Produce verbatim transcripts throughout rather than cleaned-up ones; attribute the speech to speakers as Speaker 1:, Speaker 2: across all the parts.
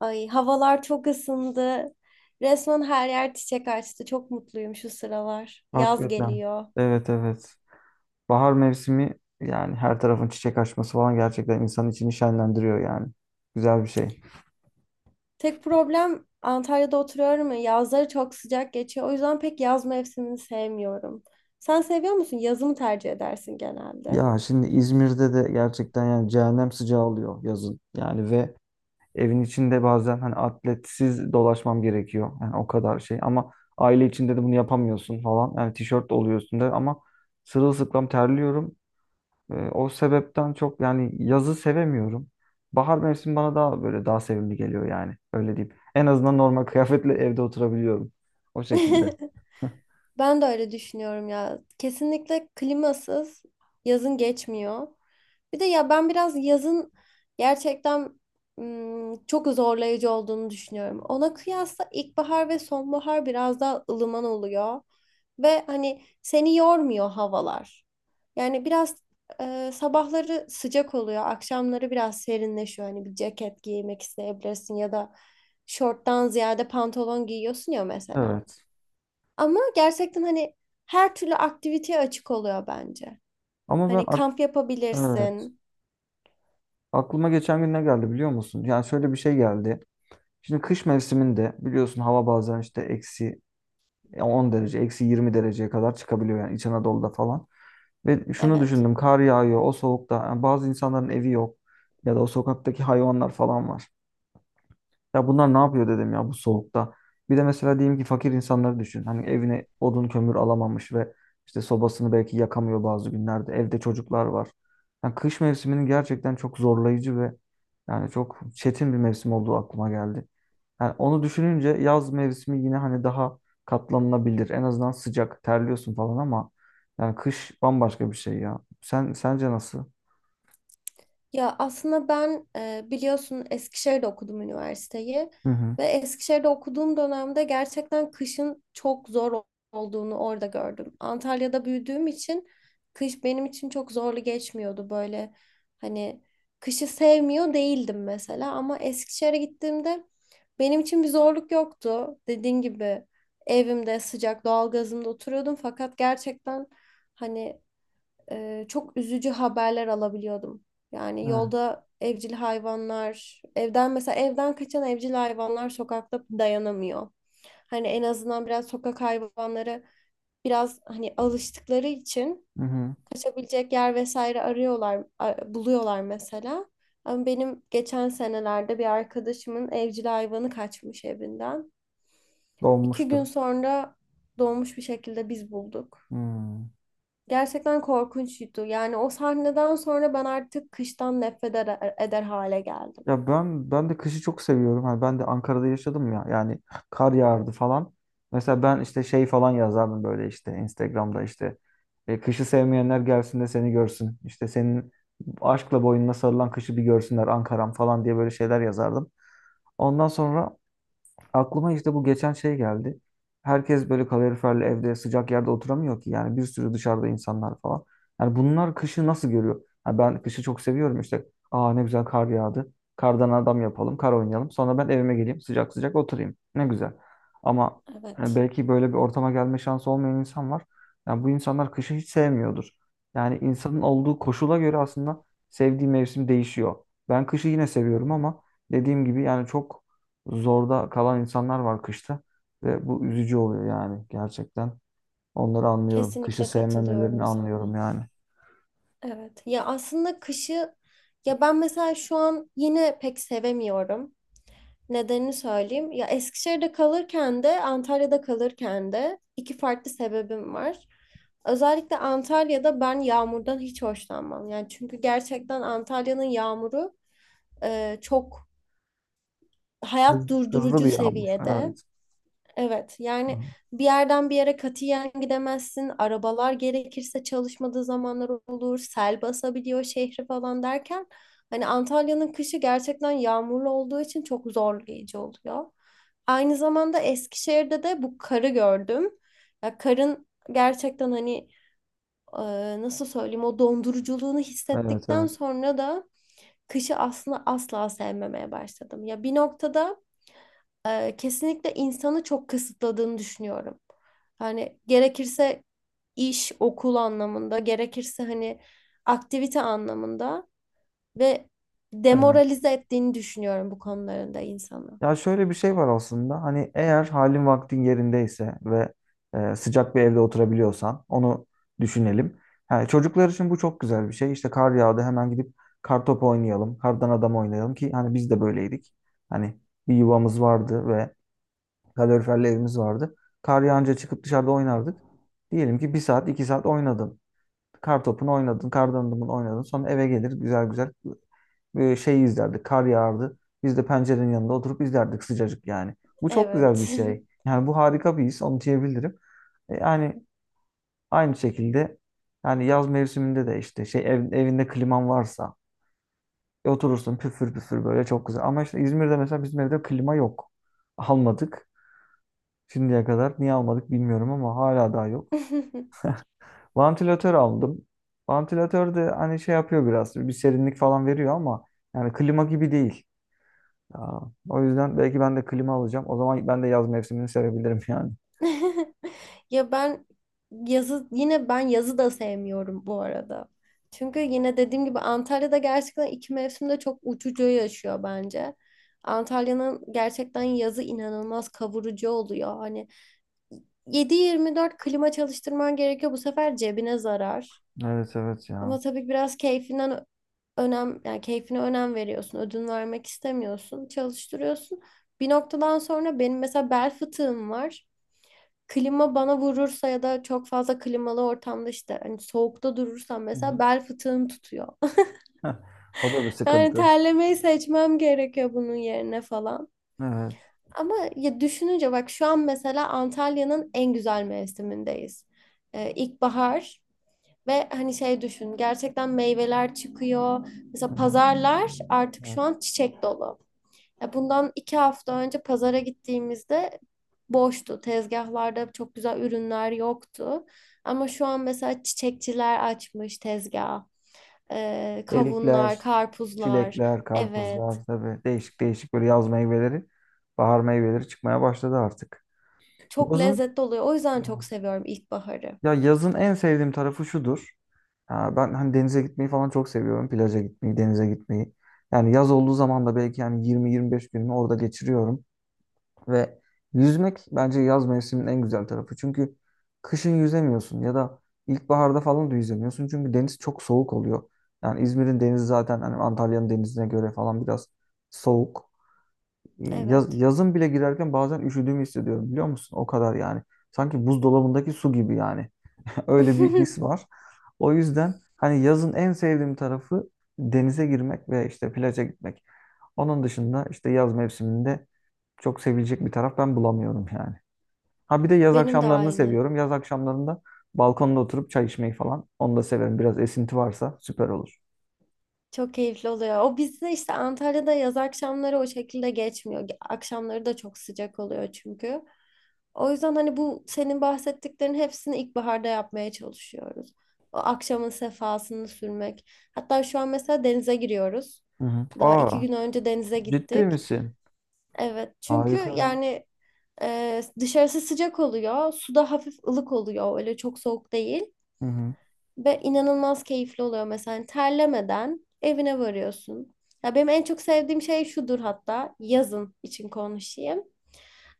Speaker 1: Ay havalar çok ısındı. Resmen her yer çiçek açtı. Çok mutluyum şu sıralar. Yaz
Speaker 2: Hakikaten.
Speaker 1: geliyor.
Speaker 2: Evet evet. Bahar mevsimi yani her tarafın çiçek açması falan gerçekten insanın içini şenlendiriyor yani. Güzel bir şey.
Speaker 1: Tek problem, Antalya'da oturuyorum ya, yazları çok sıcak geçiyor. O yüzden pek yaz mevsimini sevmiyorum. Sen seviyor musun? Yazı mı tercih edersin genelde?
Speaker 2: Ya şimdi İzmir'de de gerçekten yani cehennem sıcağı oluyor yazın. Yani ve evin içinde bazen hani atletsiz dolaşmam gerekiyor. Yani o kadar şey ama aile içinde de bunu yapamıyorsun falan. Yani tişört oluyor üstünde ama sırılsıklam terliyorum. Ee, o sebepten çok yani yazı sevemiyorum. Bahar mevsimi bana daha böyle daha sevimli geliyor yani. Öyle diyeyim. En azından normal kıyafetle evde oturabiliyorum. O şekilde.
Speaker 1: Ben de öyle düşünüyorum ya. Kesinlikle klimasız yazın geçmiyor. Bir de ya ben biraz yazın gerçekten ım, çok zorlayıcı olduğunu düşünüyorum. Ona kıyasla ilkbahar ve sonbahar biraz daha ılıman oluyor. Ve hani seni yormuyor havalar. Yani biraz e, sabahları sıcak oluyor, akşamları biraz serinleşiyor. Hani bir ceket giymek isteyebilirsin ya da şorttan ziyade pantolon giyiyorsun ya mesela.
Speaker 2: Evet.
Speaker 1: Ama gerçekten hani her türlü aktiviteye açık oluyor bence.
Speaker 2: Ama ben
Speaker 1: Hani
Speaker 2: ak-
Speaker 1: kamp
Speaker 2: evet.
Speaker 1: yapabilirsin.
Speaker 2: Aklıma geçen gün ne geldi biliyor musun? Yani şöyle bir şey geldi. Şimdi kış mevsiminde biliyorsun hava bazen işte eksi on derece, eksi yirmi dereceye kadar çıkabiliyor yani İç Anadolu'da falan. Ve şunu
Speaker 1: Evet.
Speaker 2: düşündüm, kar yağıyor o soğukta. Yani bazı insanların evi yok ya da o sokaktaki hayvanlar falan var. Ya bunlar ne yapıyor dedim ya bu soğukta. Bir de mesela diyelim ki fakir insanları düşün. Hani evine odun kömür alamamış ve işte sobasını belki yakamıyor bazı günlerde. Evde çocuklar var. Yani kış mevsiminin gerçekten çok zorlayıcı ve yani çok çetin bir mevsim olduğu aklıma geldi. Yani onu düşününce yaz mevsimi yine hani daha katlanılabilir. En azından sıcak, terliyorsun falan ama yani kış bambaşka bir şey ya. Sen sence nasıl?
Speaker 1: Ya aslında ben e, biliyorsun Eskişehir'de okudum üniversiteyi
Speaker 2: Hı hı.
Speaker 1: ve Eskişehir'de okuduğum dönemde gerçekten kışın çok zor ol- olduğunu orada gördüm. Antalya'da büyüdüğüm için kış benim için çok zorlu geçmiyordu. Böyle hani kışı sevmiyor değildim mesela, ama Eskişehir'e gittiğimde benim için bir zorluk yoktu. Dediğin gibi evimde sıcak doğalgazımda oturuyordum, fakat gerçekten hani e, çok üzücü haberler alabiliyordum. Yani
Speaker 2: Evet.
Speaker 1: yolda evcil hayvanlar, evden mesela evden kaçan evcil hayvanlar sokakta dayanamıyor. Hani en azından biraz sokak hayvanları biraz hani alıştıkları için
Speaker 2: Hı hı.
Speaker 1: kaçabilecek yer vesaire arıyorlar, a- buluyorlar mesela. Ama benim geçen senelerde bir arkadaşımın evcil hayvanı kaçmış evinden. İki gün
Speaker 2: Donmuştur.
Speaker 1: sonra doğmuş bir şekilde biz bulduk.
Speaker 2: Hmm.
Speaker 1: Gerçekten korkunçtu. Yani o sahneden sonra ben artık kıştan nefret eder, eder hale geldim.
Speaker 2: Ya ben ben de kışı çok seviyorum. Hani ben de Ankara'da yaşadım ya. Yani kar yağardı falan. Mesela ben işte şey falan yazardım böyle işte Instagram'da işte e, kışı sevmeyenler gelsin de seni görsün. İşte senin aşkla boynuna sarılan kışı bir görsünler Ankara'm falan diye böyle şeyler yazardım. Ondan sonra aklıma işte bu geçen şey geldi. Herkes böyle kaloriferli evde sıcak yerde oturamıyor ki. Yani bir sürü dışarıda insanlar falan. Yani bunlar kışı nasıl görüyor? Ha ben kışı çok seviyorum işte. Aa ne güzel kar yağdı. Kardan adam yapalım, kar oynayalım. Sonra ben evime geleyim, sıcak sıcak oturayım. Ne güzel. Ama yani
Speaker 1: Evet.
Speaker 2: belki böyle bir ortama gelme şansı olmayan insan var. Yani bu insanlar kışı hiç sevmiyordur. Yani insanın olduğu koşula göre aslında sevdiği mevsim değişiyor. Ben kışı yine seviyorum ama dediğim gibi yani çok zorda kalan insanlar var kışta ve bu üzücü oluyor yani gerçekten. Onları anlıyorum. Kışı
Speaker 1: Kesinlikle
Speaker 2: sevmemelerini
Speaker 1: katılıyorum
Speaker 2: anlıyorum
Speaker 1: sana.
Speaker 2: yani.
Speaker 1: Evet. Ya aslında kışı, ya ben mesela şu an yine pek sevemiyorum. Nedenini söyleyeyim. Ya Eskişehir'de kalırken de Antalya'da kalırken de iki farklı sebebim var. Özellikle Antalya'da ben yağmurdan hiç hoşlanmam. Yani çünkü gerçekten Antalya'nın yağmuru e, çok
Speaker 2: Hız-
Speaker 1: hayat
Speaker 2: Hızlı
Speaker 1: durdurucu
Speaker 2: bir yağmur.
Speaker 1: seviyede.
Speaker 2: Evet.
Speaker 1: Evet,
Speaker 2: Hı.
Speaker 1: yani bir yerden bir yere katiyen gidemezsin. Arabalar gerekirse çalışmadığı zamanlar olur. Sel basabiliyor şehri falan derken hani Antalya'nın kışı gerçekten yağmurlu olduğu için çok zorlayıcı oluyor. Aynı zamanda Eskişehir'de de bu karı gördüm. Ya karın gerçekten hani e, nasıl söyleyeyim, o donduruculuğunu
Speaker 2: Evet,
Speaker 1: hissettikten
Speaker 2: evet,
Speaker 1: sonra da kışı aslında asla sevmemeye başladım. Ya bir noktada e, kesinlikle insanı çok kısıtladığını düşünüyorum. Hani gerekirse iş, okul anlamında, gerekirse hani aktivite anlamında ve
Speaker 2: evet.
Speaker 1: demoralize ettiğini düşünüyorum bu konularında insanı.
Speaker 2: Ya şöyle bir şey var aslında. Hani eğer halin vaktin yerindeyse ve e, sıcak bir evde oturabiliyorsan onu düşünelim. Yani çocuklar için bu çok güzel bir şey. İşte kar yağdı hemen gidip kar topu oynayalım, kardan adam oynayalım ki hani biz de böyleydik. Hani bir yuvamız vardı ve kaloriferli evimiz vardı. Kar yağınca çıkıp dışarıda oynardık. Diyelim ki bir saat, iki saat oynadın. Kar topunu oynadın, kar dandımını oynadın. Sonra eve gelir güzel güzel e, şeyi izlerdik. Kar yağardı. Biz de pencerenin yanında oturup izlerdik sıcacık yani. Bu çok güzel bir
Speaker 1: Evet.
Speaker 2: şey. Yani bu harika bir his, onu diyebilirim. E, yani aynı şekilde yani yaz mevsiminde de işte şey ev- evinde kliman varsa e, oturursun püfür püfür böyle çok güzel. Ama işte İzmir'de mesela bizim evde klima yok. Almadık. Şimdiye kadar niye almadık bilmiyorum ama hala daha yok. Vantilatör aldım. Vantilatör de hani şey yapıyor biraz. Bir serinlik falan veriyor ama yani klima gibi değil. Aa, o yüzden belki ben de klima alacağım. O zaman ben de yaz mevsimini sevebilirim yani.
Speaker 1: Ya ben yazı, yine ben yazı da sevmiyorum bu arada. Çünkü yine dediğim gibi Antalya'da gerçekten iki mevsimde çok uçucu yaşıyor bence. Antalya'nın gerçekten yazı inanılmaz kavurucu oluyor. Hani yedi yirmi dört klima çalıştırman gerekiyor. Bu sefer cebine zarar.
Speaker 2: Evet evet
Speaker 1: Ama
Speaker 2: ya.
Speaker 1: tabii biraz keyfinden önem yani keyfine önem veriyorsun. Ödün vermek istemiyorsun. Çalıştırıyorsun. Bir noktadan sonra, benim mesela bel fıtığım var, klima bana vurursa ya da çok fazla klimalı ortamda, işte hani soğukta durursam,
Speaker 2: Hı
Speaker 1: mesela
Speaker 2: hı.
Speaker 1: bel fıtığım tutuyor.
Speaker 2: O da bir
Speaker 1: Yani
Speaker 2: sıkıntı.
Speaker 1: terlemeyi seçmem gerekiyor bunun yerine falan.
Speaker 2: Evet.
Speaker 1: Ama ya düşününce bak, şu an mesela Antalya'nın en güzel mevsimindeyiz. Ee, ilkbahar. Ve hani şey düşün, gerçekten meyveler çıkıyor.
Speaker 2: Hı
Speaker 1: Mesela
Speaker 2: hı.
Speaker 1: pazarlar artık
Speaker 2: Evet.
Speaker 1: şu an çiçek dolu. Ya bundan iki hafta önce pazara gittiğimizde boştu. Tezgahlarda çok güzel ürünler yoktu. Ama şu an mesela çiçekçiler açmış tezgah. Ee, kavunlar,
Speaker 2: Erikler,
Speaker 1: karpuzlar.
Speaker 2: çilekler,
Speaker 1: Evet.
Speaker 2: karpuzlar tabii değişik değişik böyle yaz meyveleri, bahar meyveleri çıkmaya başladı artık.
Speaker 1: Çok
Speaker 2: Yazın
Speaker 1: lezzetli oluyor. O yüzden çok
Speaker 2: Evet.
Speaker 1: seviyorum ilkbaharı.
Speaker 2: Ya yazın en sevdiğim tarafı şudur. Ha, ben hani denize gitmeyi falan çok seviyorum. Plaja gitmeyi, denize gitmeyi. Yani yaz olduğu zaman da belki yani yirmi yirmi beş günümü orada geçiriyorum. Ve yüzmek bence yaz mevsiminin en güzel tarafı. Çünkü kışın yüzemiyorsun ya da ilkbaharda falan da yüzemiyorsun. Çünkü deniz çok soğuk oluyor. Yani İzmir'in denizi zaten hani Antalya'nın denizine göre falan biraz soğuk. Ee, Yaz,
Speaker 1: Evet.
Speaker 2: yazın bile girerken bazen üşüdüğümü hissediyorum biliyor musun? O kadar yani. Sanki buzdolabındaki su gibi yani. Öyle bir his var. O yüzden hani yazın en sevdiğim tarafı denize girmek ve işte plaja gitmek. Onun dışında işte yaz mevsiminde çok sevilecek bir taraf ben bulamıyorum yani. Ha bir de yaz
Speaker 1: Benim de
Speaker 2: akşamlarını
Speaker 1: aynı.
Speaker 2: seviyorum. Yaz akşamlarında balkonda oturup çay içmeyi falan. Onu da severim. Biraz esinti varsa süper olur.
Speaker 1: Çok keyifli oluyor. O bizde işte Antalya'da yaz akşamları o şekilde geçmiyor. Ge- Akşamları da çok sıcak oluyor çünkü. O yüzden hani bu senin bahsettiklerin hepsini ilkbaharda yapmaya çalışıyoruz. O akşamın sefasını sürmek. Hatta şu an mesela denize giriyoruz.
Speaker 2: Hı hı.
Speaker 1: Daha iki
Speaker 2: Aa,
Speaker 1: gün önce denize
Speaker 2: ciddi
Speaker 1: gittik.
Speaker 2: misin?
Speaker 1: Evet, çünkü
Speaker 2: Harika ya.
Speaker 1: yani e, dışarısı sıcak oluyor. Suda hafif ılık oluyor. Öyle çok soğuk değil.
Speaker 2: Hı hı.
Speaker 1: Ve inanılmaz keyifli oluyor mesela. Yani terlemeden evine varıyorsun. Ya benim en çok sevdiğim şey şudur, hatta yazın için konuşayım.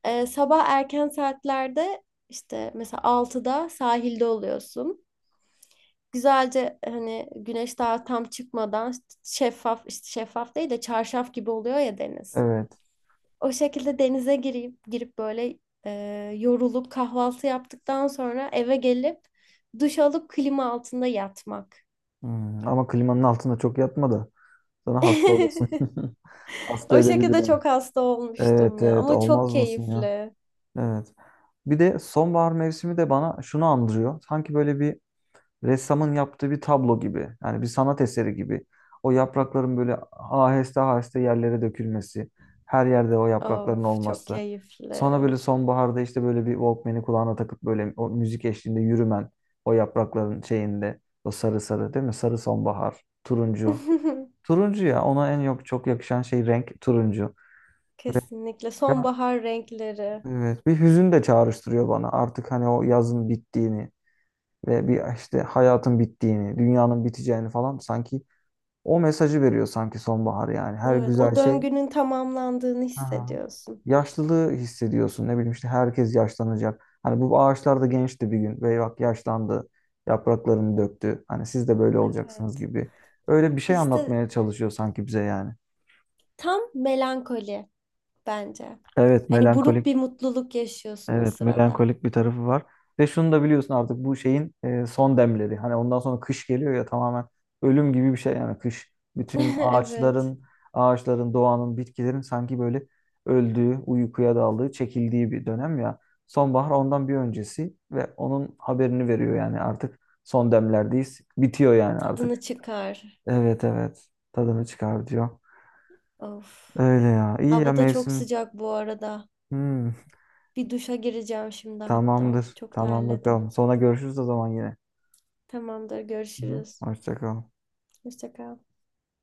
Speaker 1: Ee, sabah erken saatlerde işte mesela altıda sahilde oluyorsun. Güzelce hani güneş daha tam çıkmadan işte, şeffaf işte şeffaf değil de çarşaf gibi oluyor ya deniz.
Speaker 2: Evet.
Speaker 1: O şekilde denize girip girip böyle e, yorulup kahvaltı yaptıktan sonra eve gelip duş alıp klima altında yatmak.
Speaker 2: Hmm, Ama klimanın altında çok yatma da sana hasta olasın. Hasta
Speaker 1: O şekilde
Speaker 2: edebilirim.
Speaker 1: çok hasta olmuştum
Speaker 2: Evet
Speaker 1: ya,
Speaker 2: evet
Speaker 1: ama çok
Speaker 2: olmaz mısın ya?
Speaker 1: keyifli.
Speaker 2: Evet. Bir de sonbahar mevsimi de bana şunu andırıyor. Sanki böyle bir ressamın yaptığı bir tablo gibi. Yani bir sanat eseri gibi. O yaprakların böyle aheste aheste yerlere dökülmesi. Her yerde o yaprakların
Speaker 1: Of, çok
Speaker 2: olması.
Speaker 1: keyifli.
Speaker 2: Sonra böyle sonbaharda işte böyle bir Walkman'i kulağına takıp böyle o müzik eşliğinde yürümen. O yaprakların şeyinde. O sarı sarı değil mi? Sarı sonbahar. Turuncu. Turuncu ya ona en yok çok yakışan şey renk turuncu. Ve
Speaker 1: Kesinlikle
Speaker 2: ya,
Speaker 1: sonbahar renkleri.
Speaker 2: evet bir hüzün de çağrıştırıyor bana. Artık hani o yazın bittiğini. Ve bir işte hayatın bittiğini, dünyanın biteceğini falan sanki o mesajı veriyor sanki sonbahar yani. Her
Speaker 1: Evet,
Speaker 2: güzel
Speaker 1: o
Speaker 2: şey
Speaker 1: döngünün tamamlandığını
Speaker 2: Aha.
Speaker 1: hissediyorsun.
Speaker 2: Yaşlılığı hissediyorsun. Ne bileyim işte herkes yaşlanacak. Hani bu ağaçlar da gençti bir gün ve bak yaşlandı. Yapraklarını döktü. Hani siz de böyle olacaksınız
Speaker 1: Evet.
Speaker 2: gibi. Öyle bir şey
Speaker 1: İşte
Speaker 2: anlatmaya çalışıyor sanki bize yani.
Speaker 1: tam melankoli bence.
Speaker 2: Evet,
Speaker 1: Hani buruk bir
Speaker 2: melankolik.
Speaker 1: mutluluk yaşıyorsun o
Speaker 2: Evet,
Speaker 1: sırada.
Speaker 2: melankolik bir tarafı var. Ve şunu da biliyorsun artık bu şeyin e, son demleri. Hani ondan sonra kış geliyor ya tamamen ölüm gibi bir şey yani kış. Bütün
Speaker 1: Evet,
Speaker 2: ağaçların, ağaçların, doğanın, bitkilerin sanki böyle öldüğü, uykuya daldığı, çekildiği bir dönem ya. Sonbahar ondan bir öncesi ve onun haberini veriyor yani artık son demlerdeyiz. Bitiyor yani
Speaker 1: tadını
Speaker 2: artık.
Speaker 1: çıkar.
Speaker 2: Evet evet. Tadını çıkar diyor.
Speaker 1: Of.
Speaker 2: Öyle ya. İyi ya
Speaker 1: Havada çok
Speaker 2: mevsim.
Speaker 1: sıcak bu arada.
Speaker 2: Hmm,
Speaker 1: Bir duşa gireceğim şimdi hatta.
Speaker 2: Tamamdır.
Speaker 1: Çok
Speaker 2: Tamam
Speaker 1: terledim.
Speaker 2: bakalım. Sonra görüşürüz o zaman yine.
Speaker 1: Tamamdır,
Speaker 2: Hı hı.
Speaker 1: görüşürüz.
Speaker 2: Hoşça kal.
Speaker 1: Hoşça kal.